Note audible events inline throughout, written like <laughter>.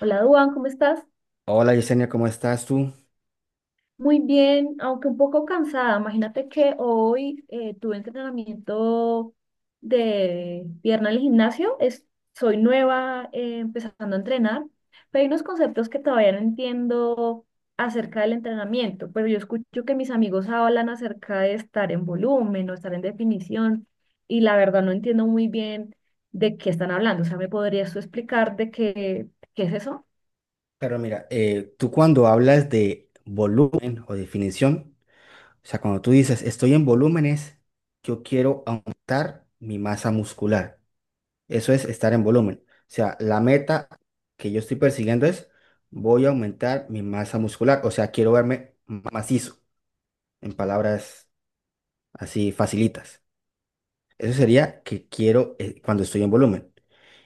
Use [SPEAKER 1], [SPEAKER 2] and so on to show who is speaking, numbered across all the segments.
[SPEAKER 1] Hola, Duan, ¿cómo estás?
[SPEAKER 2] Hola Yesenia, ¿cómo estás tú?
[SPEAKER 1] Muy bien, aunque un poco cansada. Imagínate que hoy tuve entrenamiento de pierna en el gimnasio. Soy nueva empezando a entrenar, pero hay unos conceptos que todavía no entiendo acerca del entrenamiento. Pero yo escucho que mis amigos hablan acerca de estar en volumen o estar en definición, y la verdad no entiendo muy bien de qué están hablando. O sea, ¿me podrías tú explicar qué es eso?
[SPEAKER 2] Pero mira, tú cuando hablas de volumen o definición, o sea, cuando tú dices estoy en volúmenes, yo quiero aumentar mi masa muscular. Eso es estar en volumen. O sea, la meta que yo estoy persiguiendo es voy a aumentar mi masa muscular. O sea, quiero verme macizo, en palabras así facilitas. Eso sería que quiero cuando estoy en volumen.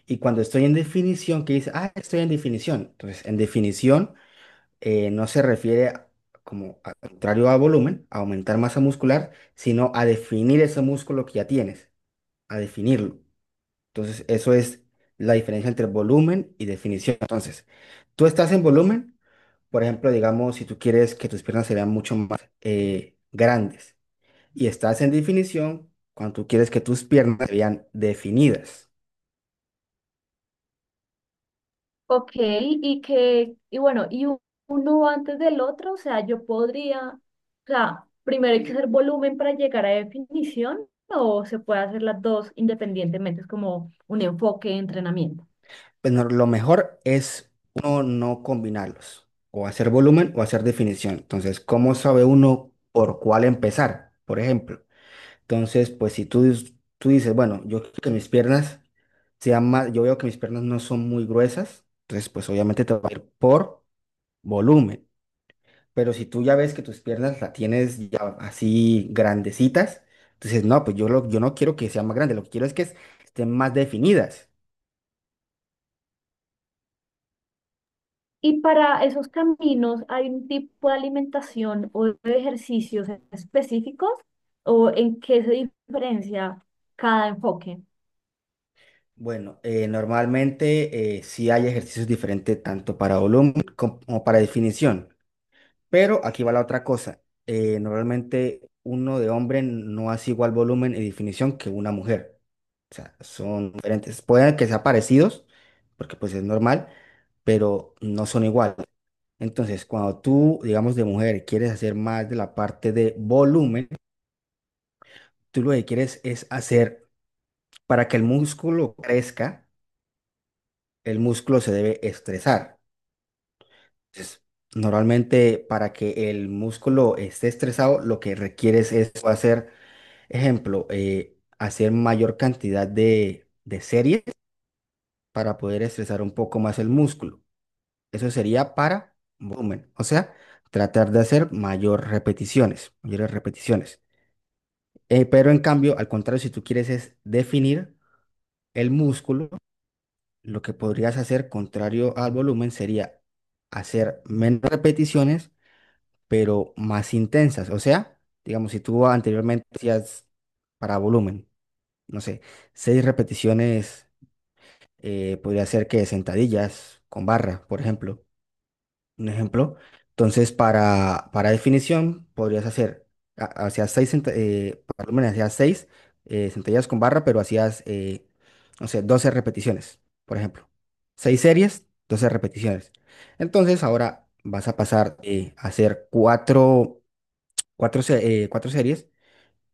[SPEAKER 2] Y cuando estoy en definición, que dice, ah, estoy en definición. Entonces, en definición, no se refiere al contrario a volumen, a aumentar masa muscular, sino a definir ese músculo que ya tienes, a definirlo. Entonces, eso es la diferencia entre volumen y definición. Entonces, tú estás en volumen, por ejemplo, digamos, si tú quieres que tus piernas se vean mucho más grandes, y estás en definición cuando tú quieres que tus piernas se vean definidas.
[SPEAKER 1] Ok, y que, y bueno, uno antes del otro, o sea, primero hay que hacer volumen para llegar a definición, o se puede hacer las dos independientemente, es como un enfoque de entrenamiento.
[SPEAKER 2] Bueno, lo mejor es uno no combinarlos, o hacer volumen o hacer definición. Entonces, ¿cómo sabe uno por cuál empezar? Por ejemplo. Entonces, pues si tú dices, bueno, yo quiero que mis piernas sean más, yo veo que mis piernas no son muy gruesas, entonces pues obviamente te va a ir por volumen. Pero si tú ya ves que tus piernas la tienes ya así grandecitas, entonces no, pues yo no quiero que sean más grandes, lo que quiero es que estén más definidas.
[SPEAKER 1] Y para esos caminos, ¿hay un tipo de alimentación o de ejercicios específicos? ¿O en qué se diferencia cada enfoque?
[SPEAKER 2] Bueno, normalmente sí hay ejercicios diferentes tanto para volumen como para definición, pero aquí va la otra cosa. Normalmente uno de hombre no hace igual volumen y definición que una mujer. O sea, son diferentes. Pueden que sean parecidos, porque pues es normal, pero no son iguales. Entonces, cuando tú, digamos, de mujer quieres hacer más de la parte de volumen, tú lo que quieres es hacer para que el músculo crezca, el músculo se debe estresar. Entonces, normalmente para que el músculo esté estresado, lo que requieres es hacer, ejemplo, hacer mayor cantidad de series para poder estresar un poco más el músculo. Eso sería para volumen, o sea, tratar de hacer mayor repeticiones, mayores repeticiones. Pero en cambio, al contrario, si tú quieres es definir el músculo, lo que podrías hacer contrario al volumen sería hacer menos repeticiones, pero más intensas. O sea, digamos, si tú anteriormente hacías para volumen, no sé, seis repeticiones, podría ser que sentadillas con barra, por ejemplo un ejemplo. Entonces, para definición, podrías hacer, hacías seis, cent- por hacías seis centellas con barra, pero hacías, no sé, 12 repeticiones, por ejemplo. Seis series, 12 repeticiones. Entonces, ahora vas a pasar a hacer cuatro series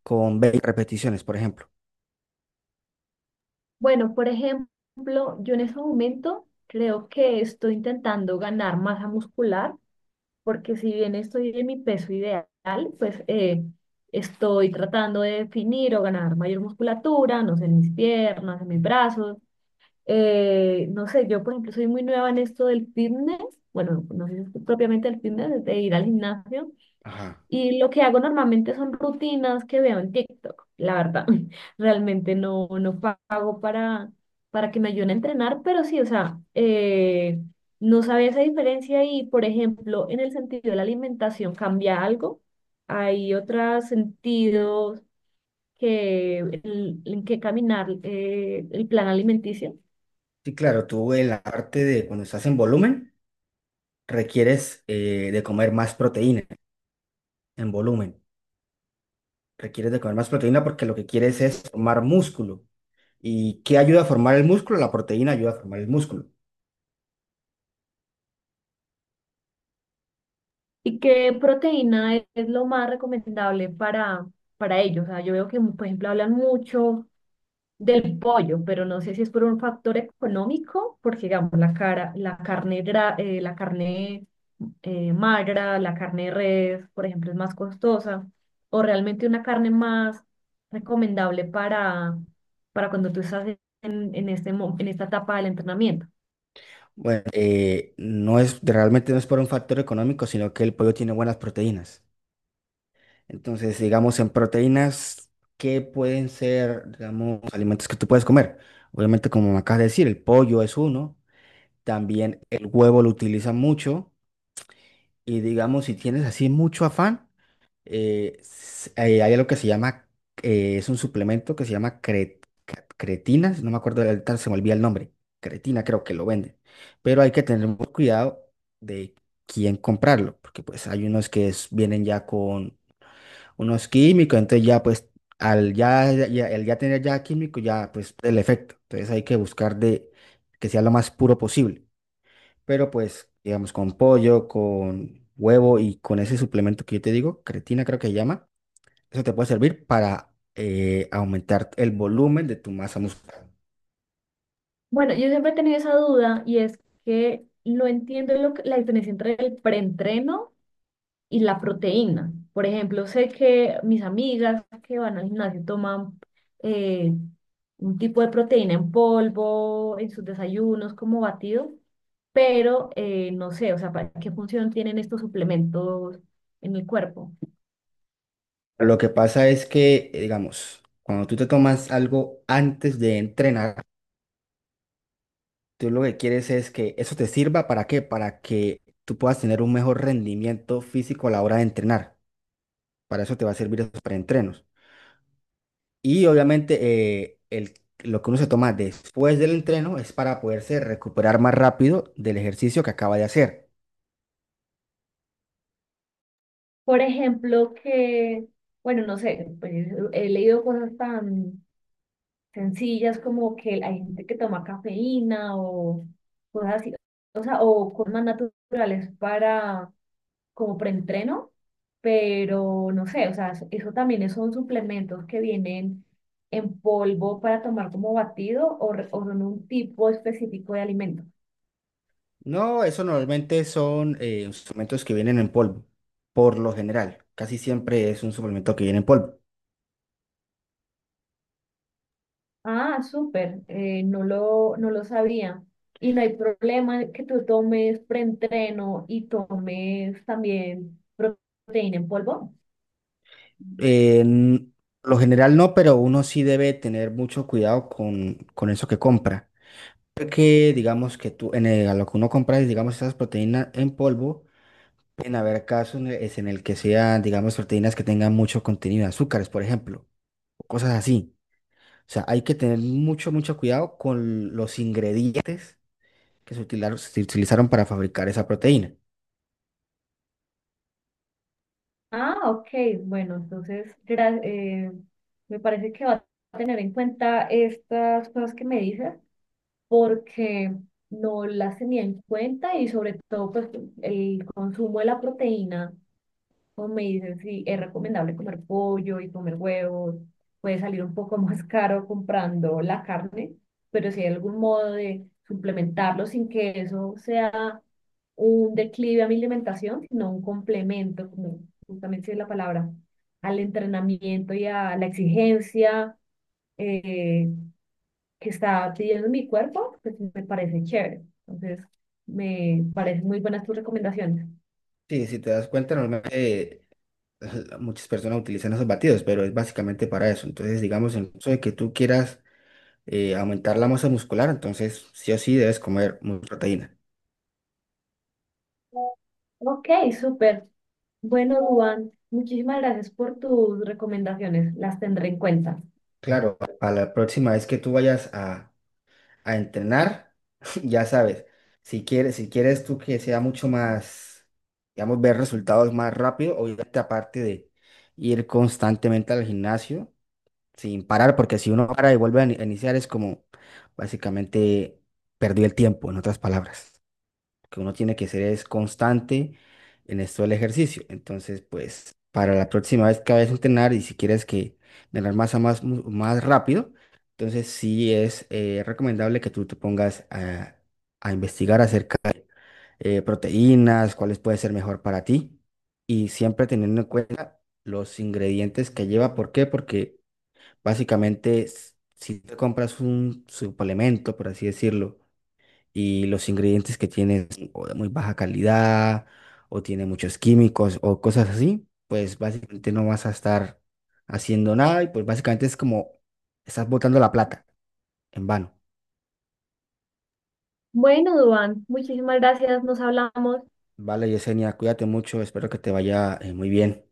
[SPEAKER 2] con 20 repeticiones, por ejemplo.
[SPEAKER 1] Bueno, por ejemplo, yo en ese momento creo que estoy intentando ganar masa muscular porque si bien estoy en mi peso ideal, pues eh, estoy tratando de definir o ganar mayor musculatura, no sé, en mis piernas, en mis brazos. No sé, yo por ejemplo soy muy nueva en esto del fitness, bueno, no sé si es propiamente el fitness, de ir al gimnasio,
[SPEAKER 2] Ajá.
[SPEAKER 1] y lo que hago normalmente son rutinas que veo en TikTok, la verdad. <laughs> Realmente no pago para que me ayuden a entrenar, pero sí, o sea, no sabía esa diferencia y, por ejemplo, en el sentido de la alimentación cambia algo. Hay otros sentidos en que caminar el plan alimenticio
[SPEAKER 2] Sí, claro, tú en la parte de cuando estás en volumen, requieres de comer más proteína en volumen. Requieres de comer más proteína porque lo que quieres es formar músculo. ¿Y qué ayuda a formar el músculo? La proteína ayuda a formar el músculo.
[SPEAKER 1] y qué proteína es lo más recomendable para ellos. O sea, yo veo que, por ejemplo, hablan mucho. Del pollo, pero no sé si es por un factor económico, porque digamos la carne la carne magra, la carne de res, por ejemplo, es más costosa, o realmente una carne más recomendable para cuando tú estás en en esta etapa del entrenamiento.
[SPEAKER 2] Bueno, no es, realmente no es por un factor económico, sino que el pollo tiene buenas proteínas. Entonces, digamos, en proteínas, ¿qué pueden ser, digamos, alimentos que tú puedes comer? Obviamente, como me acabas de decir, el pollo es uno. También el huevo lo utilizan mucho. Y digamos, si tienes así mucho afán, hay algo que se llama, es un suplemento que se llama cretina, no me acuerdo, ahorita se me olvida el nombre, cretina creo que lo venden, pero hay que tener mucho cuidado de quién comprarlo, porque pues hay unos que vienen ya con unos químicos, entonces ya pues al ya tener ya químico, ya pues el efecto, entonces hay que buscar de que sea lo más puro posible, pero pues, digamos, con pollo, con huevo y con ese suplemento que yo te digo, creatina creo que se llama, eso te puede servir para aumentar el volumen de tu masa muscular.
[SPEAKER 1] Bueno, yo siempre he tenido esa duda y es que no entiendo la diferencia entre el preentreno y la proteína. Por ejemplo, sé que mis amigas que van al gimnasio toman eh, un tipo de proteína en polvo, en sus desayunos como batido, pero no sé, o sea, ¿para qué función tienen estos suplementos en el cuerpo?
[SPEAKER 2] Lo que pasa es que, digamos, cuando tú te tomas algo antes de entrenar, tú lo que quieres es que eso te sirva para qué, para que tú puedas tener un mejor rendimiento físico a la hora de entrenar. Para eso te va a servir esos preentrenos. Y obviamente eh, el, lo que uno se toma después del entreno es para poderse recuperar más rápido del ejercicio que acaba de hacer.
[SPEAKER 1] Por ejemplo, bueno, no sé, pues, he leído cosas tan sencillas como que hay gente que toma cafeína o cosas así, o sea, o cosas más naturales para como preentreno, pero no sé, o sea, eso también son suplementos que vienen en polvo para tomar como batido o en un tipo específico de alimento.
[SPEAKER 2] No, eso normalmente son suplementos que vienen en polvo, por lo general. Casi siempre es un suplemento que viene en polvo.
[SPEAKER 1] Ah, súper, no lo sabía. Y no hay problema que tú tomes preentreno y tomes también proteína en polvo.
[SPEAKER 2] Eh, n- lo general no, pero uno sí debe tener mucho cuidado con eso que compra. Porque digamos que tú, a lo que uno compra, digamos, esas proteínas en polvo. En haber casos es en el que sean, digamos, proteínas que tengan mucho contenido de azúcares, por ejemplo, o cosas así. O sea, hay que tener mucho, mucho cuidado con los ingredientes que se utilizaron para fabricar esa proteína.
[SPEAKER 1] Ah, ok, bueno, entonces me parece que va a tener en cuenta estas cosas que me dices porque no las tenía en cuenta y sobre todo pues el consumo de la proteína, como me dicen, sí, es recomendable comer pollo y comer huevos, puede salir un poco <laughs> más caro comprando la carne, pero si hay algún modo de suplementarlo sin que eso sea un declive a mi alimentación, sino un complemento, como justamente es la palabra, al entrenamiento y a la exigencia. eh, que está pidiendo mi cuerpo, pues me parece chévere. Entonces, me parecen muy buenas tus recomendaciones.
[SPEAKER 2] Sí, si te das cuenta, normalmente muchas personas utilizan esos batidos, pero es básicamente para eso. Entonces, digamos, en caso de que tú quieras aumentar la masa muscular, entonces sí o sí debes comer mucha proteína.
[SPEAKER 1] Ok, súper. Bueno, Duan, muchísimas gracias por tus recomendaciones. Las tendré en cuenta.
[SPEAKER 2] Claro, para la próxima vez que tú vayas a entrenar, <laughs> ya sabes, si quieres tú que sea mucho más, digamos, ver resultados más rápido, obviamente aparte de ir constantemente al gimnasio sin parar, porque si uno para y vuelve a a iniciar es como básicamente perdió el tiempo, en otras palabras que uno tiene que ser es constante en esto del ejercicio. Entonces, pues, para la próxima vez que vayas a entrenar y si quieres que ganar masa más, más rápido, entonces sí es recomendable que tú te pongas a investigar acerca de proteínas, cuáles pueden ser mejor para ti y siempre teniendo en cuenta los ingredientes que lleva. ¿Por qué? Porque básicamente si te compras un suplemento, por así decirlo, y los ingredientes que tiene son o de muy baja calidad o tiene muchos químicos o cosas así, pues básicamente no vas a estar haciendo nada y pues básicamente es como estás botando la plata en vano.
[SPEAKER 1] Bueno, Duan, muchísimas gracias. Nos hablamos.
[SPEAKER 2] Vale, Yesenia, cuídate mucho, espero que te vaya muy bien.